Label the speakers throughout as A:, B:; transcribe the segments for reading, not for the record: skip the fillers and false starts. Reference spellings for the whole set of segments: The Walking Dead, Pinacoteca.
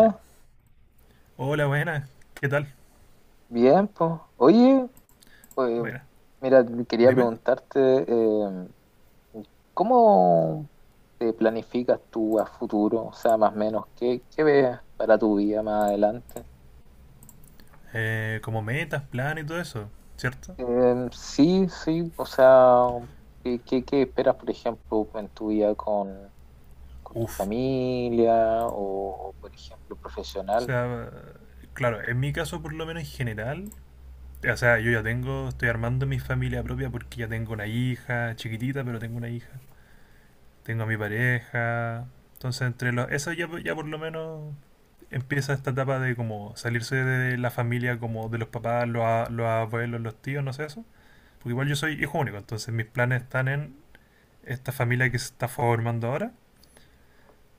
A: Ya. Hola, buenas. ¿Qué tal?
B: bien, pues. Oye, eh,
A: Buenas.
B: mira, quería
A: Dime.
B: preguntarte, ¿cómo te planificas tú a futuro? O sea, más o menos, ¿qué ves para tu vida más adelante?
A: Como metas, planes y todo eso, ¿cierto?
B: Sí, sí, o sea, ¿qué esperas, por ejemplo, en tu vida con tu
A: Uf.
B: familia o, por ejemplo,
A: O
B: profesional?
A: sea, claro, en mi caso por lo menos en general, o sea, estoy armando mi familia propia porque ya tengo una hija, chiquitita, pero tengo una hija. Tengo a mi pareja. Entonces, eso ya, ya por lo menos empieza esta etapa de como salirse de la familia, como de los papás, los abuelos, los tíos, no sé eso. Porque igual yo soy hijo único, entonces mis planes están en esta familia que se está formando ahora.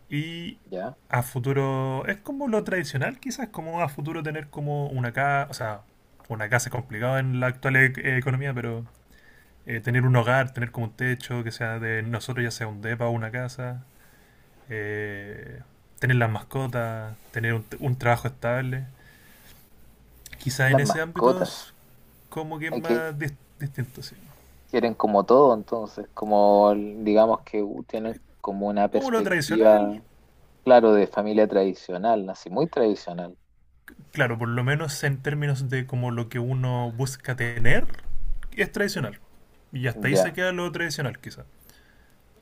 A: Y
B: ¿Ya?
A: a futuro, es como lo tradicional, quizás, como a futuro tener como una casa, o sea, una casa es complicado en la actual economía, pero tener un hogar, tener como un techo que sea de nosotros, ya sea un depa o una casa, eh, tener las mascotas, tener un trabajo estable. Quizás
B: Las
A: en ese ámbito
B: mascotas.
A: es como que es
B: Ok,
A: más distinto, sí.
B: quieren como todo, entonces, digamos que tienen como una
A: Como lo tradicional,
B: perspectiva, claro, de familia tradicional, así muy tradicional.
A: claro, por lo menos en términos de como lo que uno busca tener, es
B: Mm.
A: tradicional. Y hasta ahí se
B: Ya,
A: queda lo tradicional, quizás.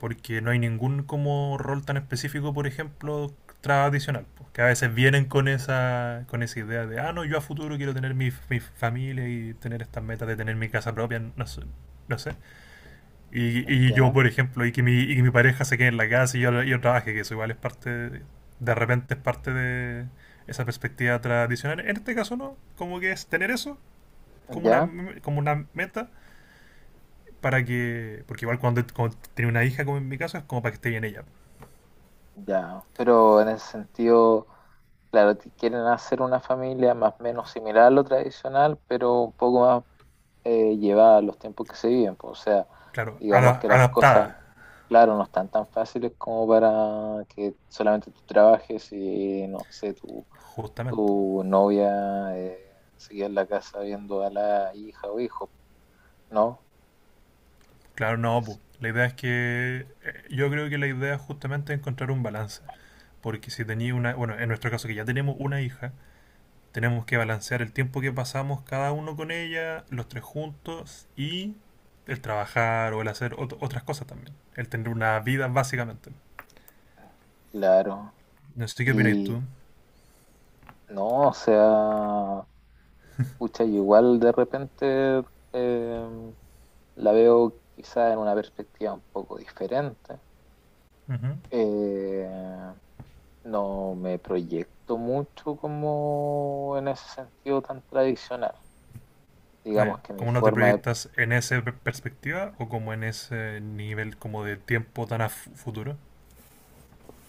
A: Porque no hay ningún como rol tan específico, por ejemplo, tradicional. Pues, que a veces vienen con esa idea de, ah, no, yo a futuro quiero tener mi familia y tener estas metas de tener mi casa propia. No sé. No sé. Y yo,
B: ya,
A: por ejemplo, y que mi pareja se quede en la casa y yo trabaje, que eso igual es parte, de repente es parte de esa perspectiva tradicional. En este caso no, como que es tener eso como una,
B: ya,
A: como una meta para que. Porque igual cuando tenía una hija, como en mi caso, es como para que esté bien ella.
B: ya. Pero en ese sentido, claro, quieren hacer una familia más o menos similar a lo tradicional, pero un poco más llevada a los tiempos que se viven, pues, o sea,
A: Claro,
B: digamos que las
A: adaptada,
B: cosas, claro, no están tan fáciles como para que solamente tú trabajes y no sé, tú.
A: justamente.
B: Tu novia sigue en la casa viendo a la hija o hijo, ¿no?
A: Claro, no,
B: Es-
A: pu. La idea es que. Yo creo que la idea es justamente es encontrar un balance. Porque si tenía una. Bueno, en nuestro caso, que ya tenemos una hija, tenemos que balancear el tiempo que pasamos cada uno con ella, los tres juntos, y el trabajar o el hacer otras cosas también. El tener una vida, básicamente.
B: claro.
A: No sé qué opináis
B: Y
A: tú.
B: no, o sea, pucha, yo igual de repente eh, la veo quizá en una perspectiva un poco diferente.
A: Ujú.
B: Eh, no me proyecto mucho como en ese sentido tan tradicional.
A: Ah,
B: Digamos
A: ya.
B: que mi
A: ¿Cómo no te
B: forma de.
A: proyectas en esa perspectiva o como en ese nivel como de tiempo tan a futuro?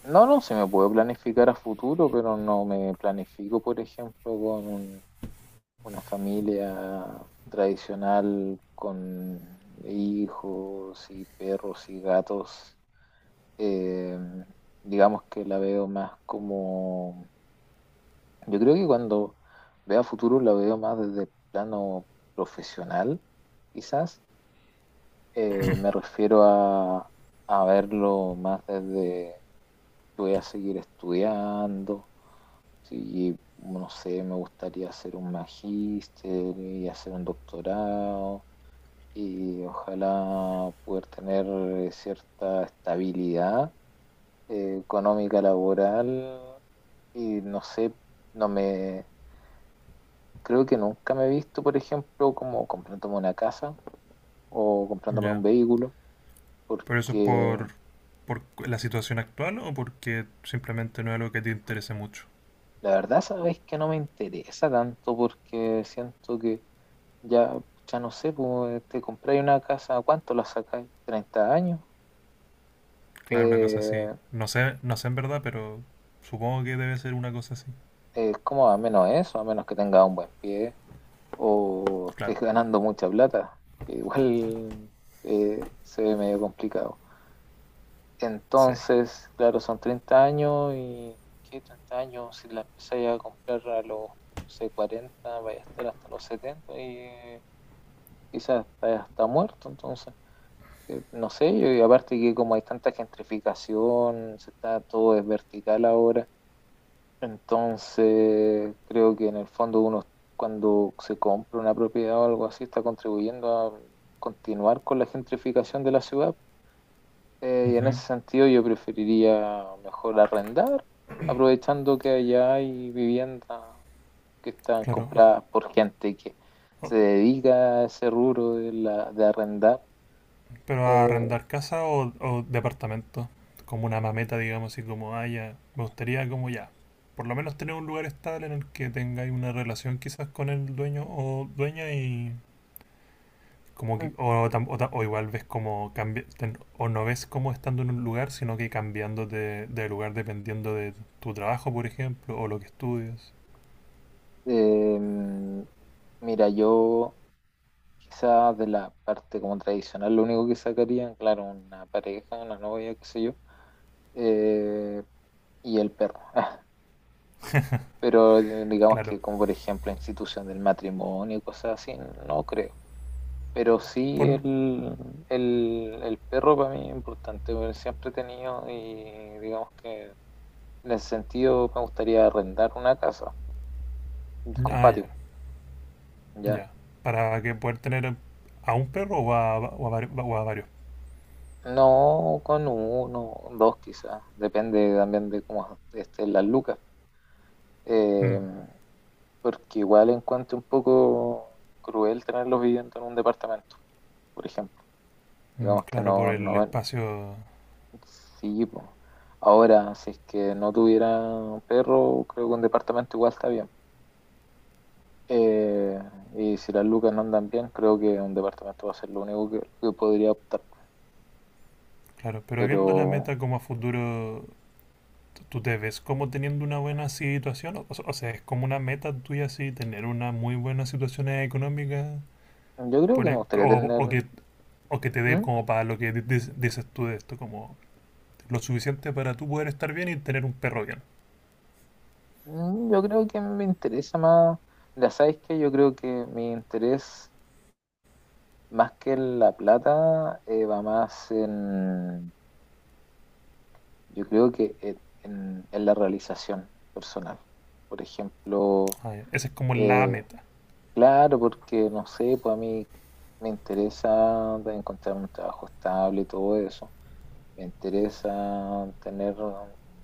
B: No, no, se me puede planificar a futuro, pero no me planifico, por ejemplo, una familia tradicional con hijos y perros y gatos. Eh, digamos que la veo más como, yo creo que cuando veo a futuro la veo más desde el plano profesional, quizás. Me refiero a verlo más desde, voy a seguir estudiando. Sí, no sé, me gustaría hacer un magíster y hacer un doctorado y ojalá poder tener cierta estabilidad económica laboral y no sé, no me creo que nunca me he visto, por ejemplo, como comprándome una casa o comprándome un
A: Ya.
B: vehículo,
A: ¿Pero eso es
B: porque
A: por la situación actual o porque simplemente no es algo que te interese mucho?
B: la verdad sabes que no me interesa tanto porque siento que. Ya, ya no sé, pues te compráis una casa, ¿a ¿cuánto la sacáis? ¿30 años?
A: Claro, una cosa así.
B: Eh,
A: No sé, no sé en verdad, pero supongo que debe ser una cosa así.
B: ¿Cómo a menos eso? A menos que tengas un buen pie o
A: Claro.
B: estés ganando mucha plata, que igual se ve medio complicado.
A: Sí.
B: Entonces, claro, son 30 años y ¿qué 30 años? Si la empezáis a comprar a los, no sé, 40, vaya a estar hasta los 70 y quizás estás hasta muerto entonces. No sé, y aparte que como hay tanta gentrificación, se está todo es vertical ahora, entonces creo que en el fondo uno cuando se compra una propiedad o algo así está contribuyendo a continuar con la gentrificación de la ciudad. Y en
A: Ujú.
B: ese sentido yo preferiría mejor arrendar, aprovechando que allá hay viviendas que están
A: Claro.
B: compradas por gente que
A: O-
B: se dedica a ese rubro de, la, de arrendar.
A: pero ¿a
B: Eh,
A: arrendar casa o departamento, como una mameta, digamos, así como, ah, ya, me gustaría como ya, por lo menos tener un lugar estable en el que tengáis una relación quizás con el dueño o dueña y como que, o, o igual ves como cambia, ten- o no ves como estando en un lugar, sino que cambiando de lugar dependiendo de tu trabajo, por ejemplo, o lo que estudias?
B: Em, Mira, yo quizás de la parte como tradicional, lo único que sacaría, claro, una pareja, una novia, qué sé yo, eh, y el perro. Pero digamos
A: Claro.
B: que como por ejemplo institución del matrimonio y cosas así, no creo. Pero sí
A: Por,
B: el perro para mí es importante, porque siempre he tenido y digamos que en ese sentido me gustaría arrendar una casa con
A: ah, ya,
B: patio, ¿ya?
A: ya. Para que poder tener a un perro o a, o a o a varios.
B: No con uno, dos quizás, depende también de cómo estén las lucas.
A: Mm.
B: Eh, Porque igual encuentro un poco cruel tenerlos viviendo en un departamento, por ejemplo.
A: Mm,
B: Digamos que
A: claro, por
B: no,
A: el
B: no,
A: espacio,
B: sí, po. Ahora, si es que no tuviera perro, creo que un departamento igual está bien. Eh, y si las lucas no andan bien, creo que un departamento va a ser lo único que podría optar.
A: claro. Pero
B: Pero
A: viendo la meta como a futuro, t- ¿tú te ves como teniendo una buena situación? O sea, ¿es como una meta tuya así tener una muy buena situación económica?
B: yo creo que
A: Por
B: me
A: ahí,
B: gustaría tener...
A: o que te dé
B: ¿Mm?
A: como para lo que dices tú de esto, como lo suficiente para tú poder estar bien y tener un perro bien.
B: Mm, yo creo que me interesa más, ya sabes que yo creo que mi interés más que en la plata va más en, yo creo que en la realización personal. Por ejemplo,
A: Ah, ya. Esa es como la
B: eh,
A: meta,
B: claro, porque no sé, pues a mí me interesa de encontrar un trabajo estable y todo eso me interesa tener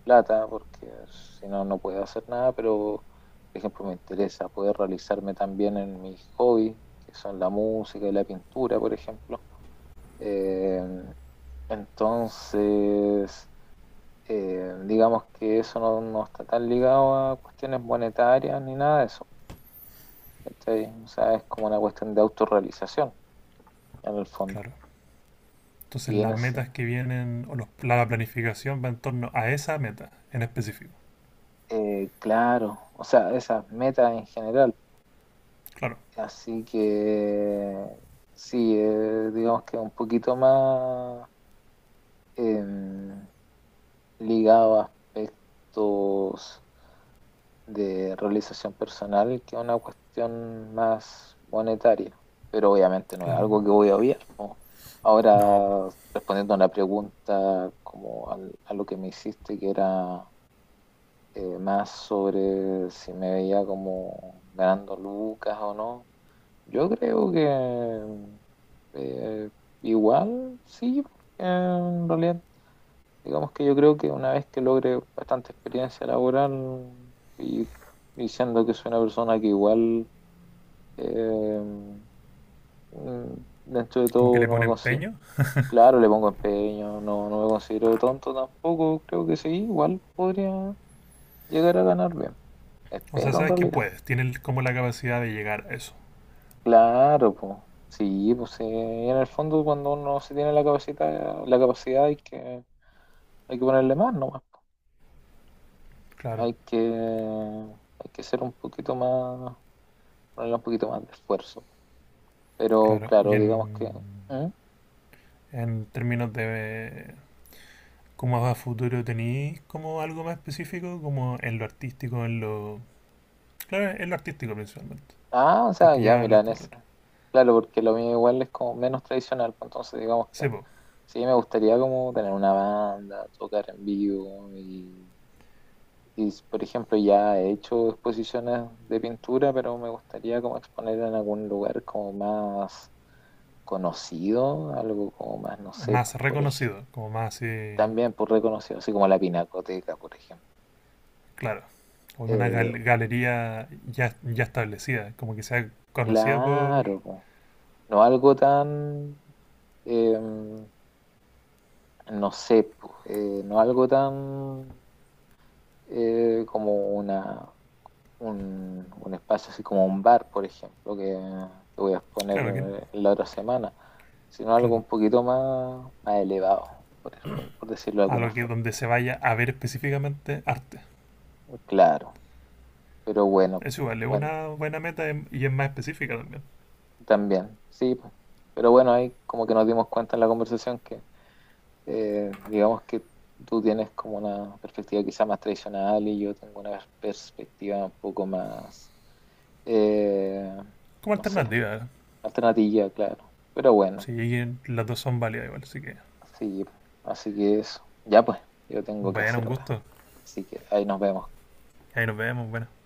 B: plata porque si no, no puedo hacer nada, pero por ejemplo me interesa poder realizarme también en mis hobbies, que son la música y la pintura, por ejemplo. Eh, entonces, digamos que eso no está tan ligado a cuestiones monetarias ni nada de eso. ¿Cachai? O sea, es como una cuestión de autorrealización en el fondo.
A: claro. Entonces
B: Y en
A: las
B: ese,
A: metas que vienen, o los- la planificación va en torno a esa meta en específico.
B: claro, o sea, esas metas en general.
A: Claro,
B: Así que sí, digamos que un poquito más em, ligado a aspectos de realización personal que una cuestión más monetaria, pero obviamente no es
A: claro.
B: algo que voy a obviar, ¿no?
A: No,
B: Ahora, respondiendo a la pregunta como a lo que me hiciste, que era más sobre si me veía como ganando lucas o no, yo creo que... Eh, Igual, sí, porque en realidad, digamos que yo creo que una vez que logre bastante experiencia laboral y diciendo que soy una persona que igual, eh, dentro de
A: como que
B: todo,
A: le
B: no me
A: pone
B: considero,
A: empeño.
B: claro, le pongo empeño, no me considero tonto tampoco, creo que sí, igual podría llegar a ganar bien.
A: O sea,
B: Espero en
A: sabes que
B: realidad.
A: puedes, tienes como la capacidad de llegar a eso.
B: Claro, pues. Sí, pues, en el fondo cuando uno se tiene la capacidad hay que, ponerle más nomás.
A: Claro,
B: Hay que ser un poquito más, ponerle un poquito más de esfuerzo. Pero
A: claro. Y
B: claro, digamos que... ¿Mm?
A: en términos de cómo va a futuro, ¿tenéis como algo más específico? Como en lo artístico, en lo... Claro, en lo artístico principalmente,
B: Ah, o sea,
A: porque
B: ya,
A: ya
B: mira, en
A: hablaste del otro.
B: esa. Claro, porque lo mío igual es como menos tradicional, pues, entonces digamos que
A: Sebo,
B: sí me gustaría como tener una banda, tocar en vivo y, por ejemplo, ya he hecho exposiciones de pintura, pero me gustaría como exponer en algún lugar como más conocido, algo como más, no sé,
A: más
B: pues, por ejemplo
A: reconocido, como más así,
B: también por reconocido, así como la Pinacoteca, por ejemplo.
A: claro, como una
B: Eh,
A: galería ya, ya establecida, como que sea conocida por...
B: claro, po. No algo tan, eh, no sé, po, no algo tan como una, un, espacio así como un bar, por ejemplo, que te voy a exponer
A: Claro, que,
B: la otra semana, sino algo
A: claro.
B: un poquito más, más elevado, por, por decirlo de
A: A
B: alguna
A: lo que
B: forma.
A: donde se vaya a ver específicamente arte.
B: Claro, pero bueno,
A: Es igual, es
B: bueno,
A: una buena meta, y es más específica también.
B: también, sí, pues. Pero bueno, ahí como que nos dimos cuenta en la conversación que digamos que tú tienes como una perspectiva quizá más tradicional y yo tengo una perspectiva un poco más, eh,
A: Como
B: no sé,
A: alternativa,
B: alternativa, claro. Pero bueno,
A: sí, las dos son válidas igual, así que
B: sí, así que eso. Ya pues, yo tengo que
A: bueno,
B: hacer
A: un
B: ahora.
A: gusto.
B: Así que ahí nos vemos.
A: Ahí nos vemos, buenas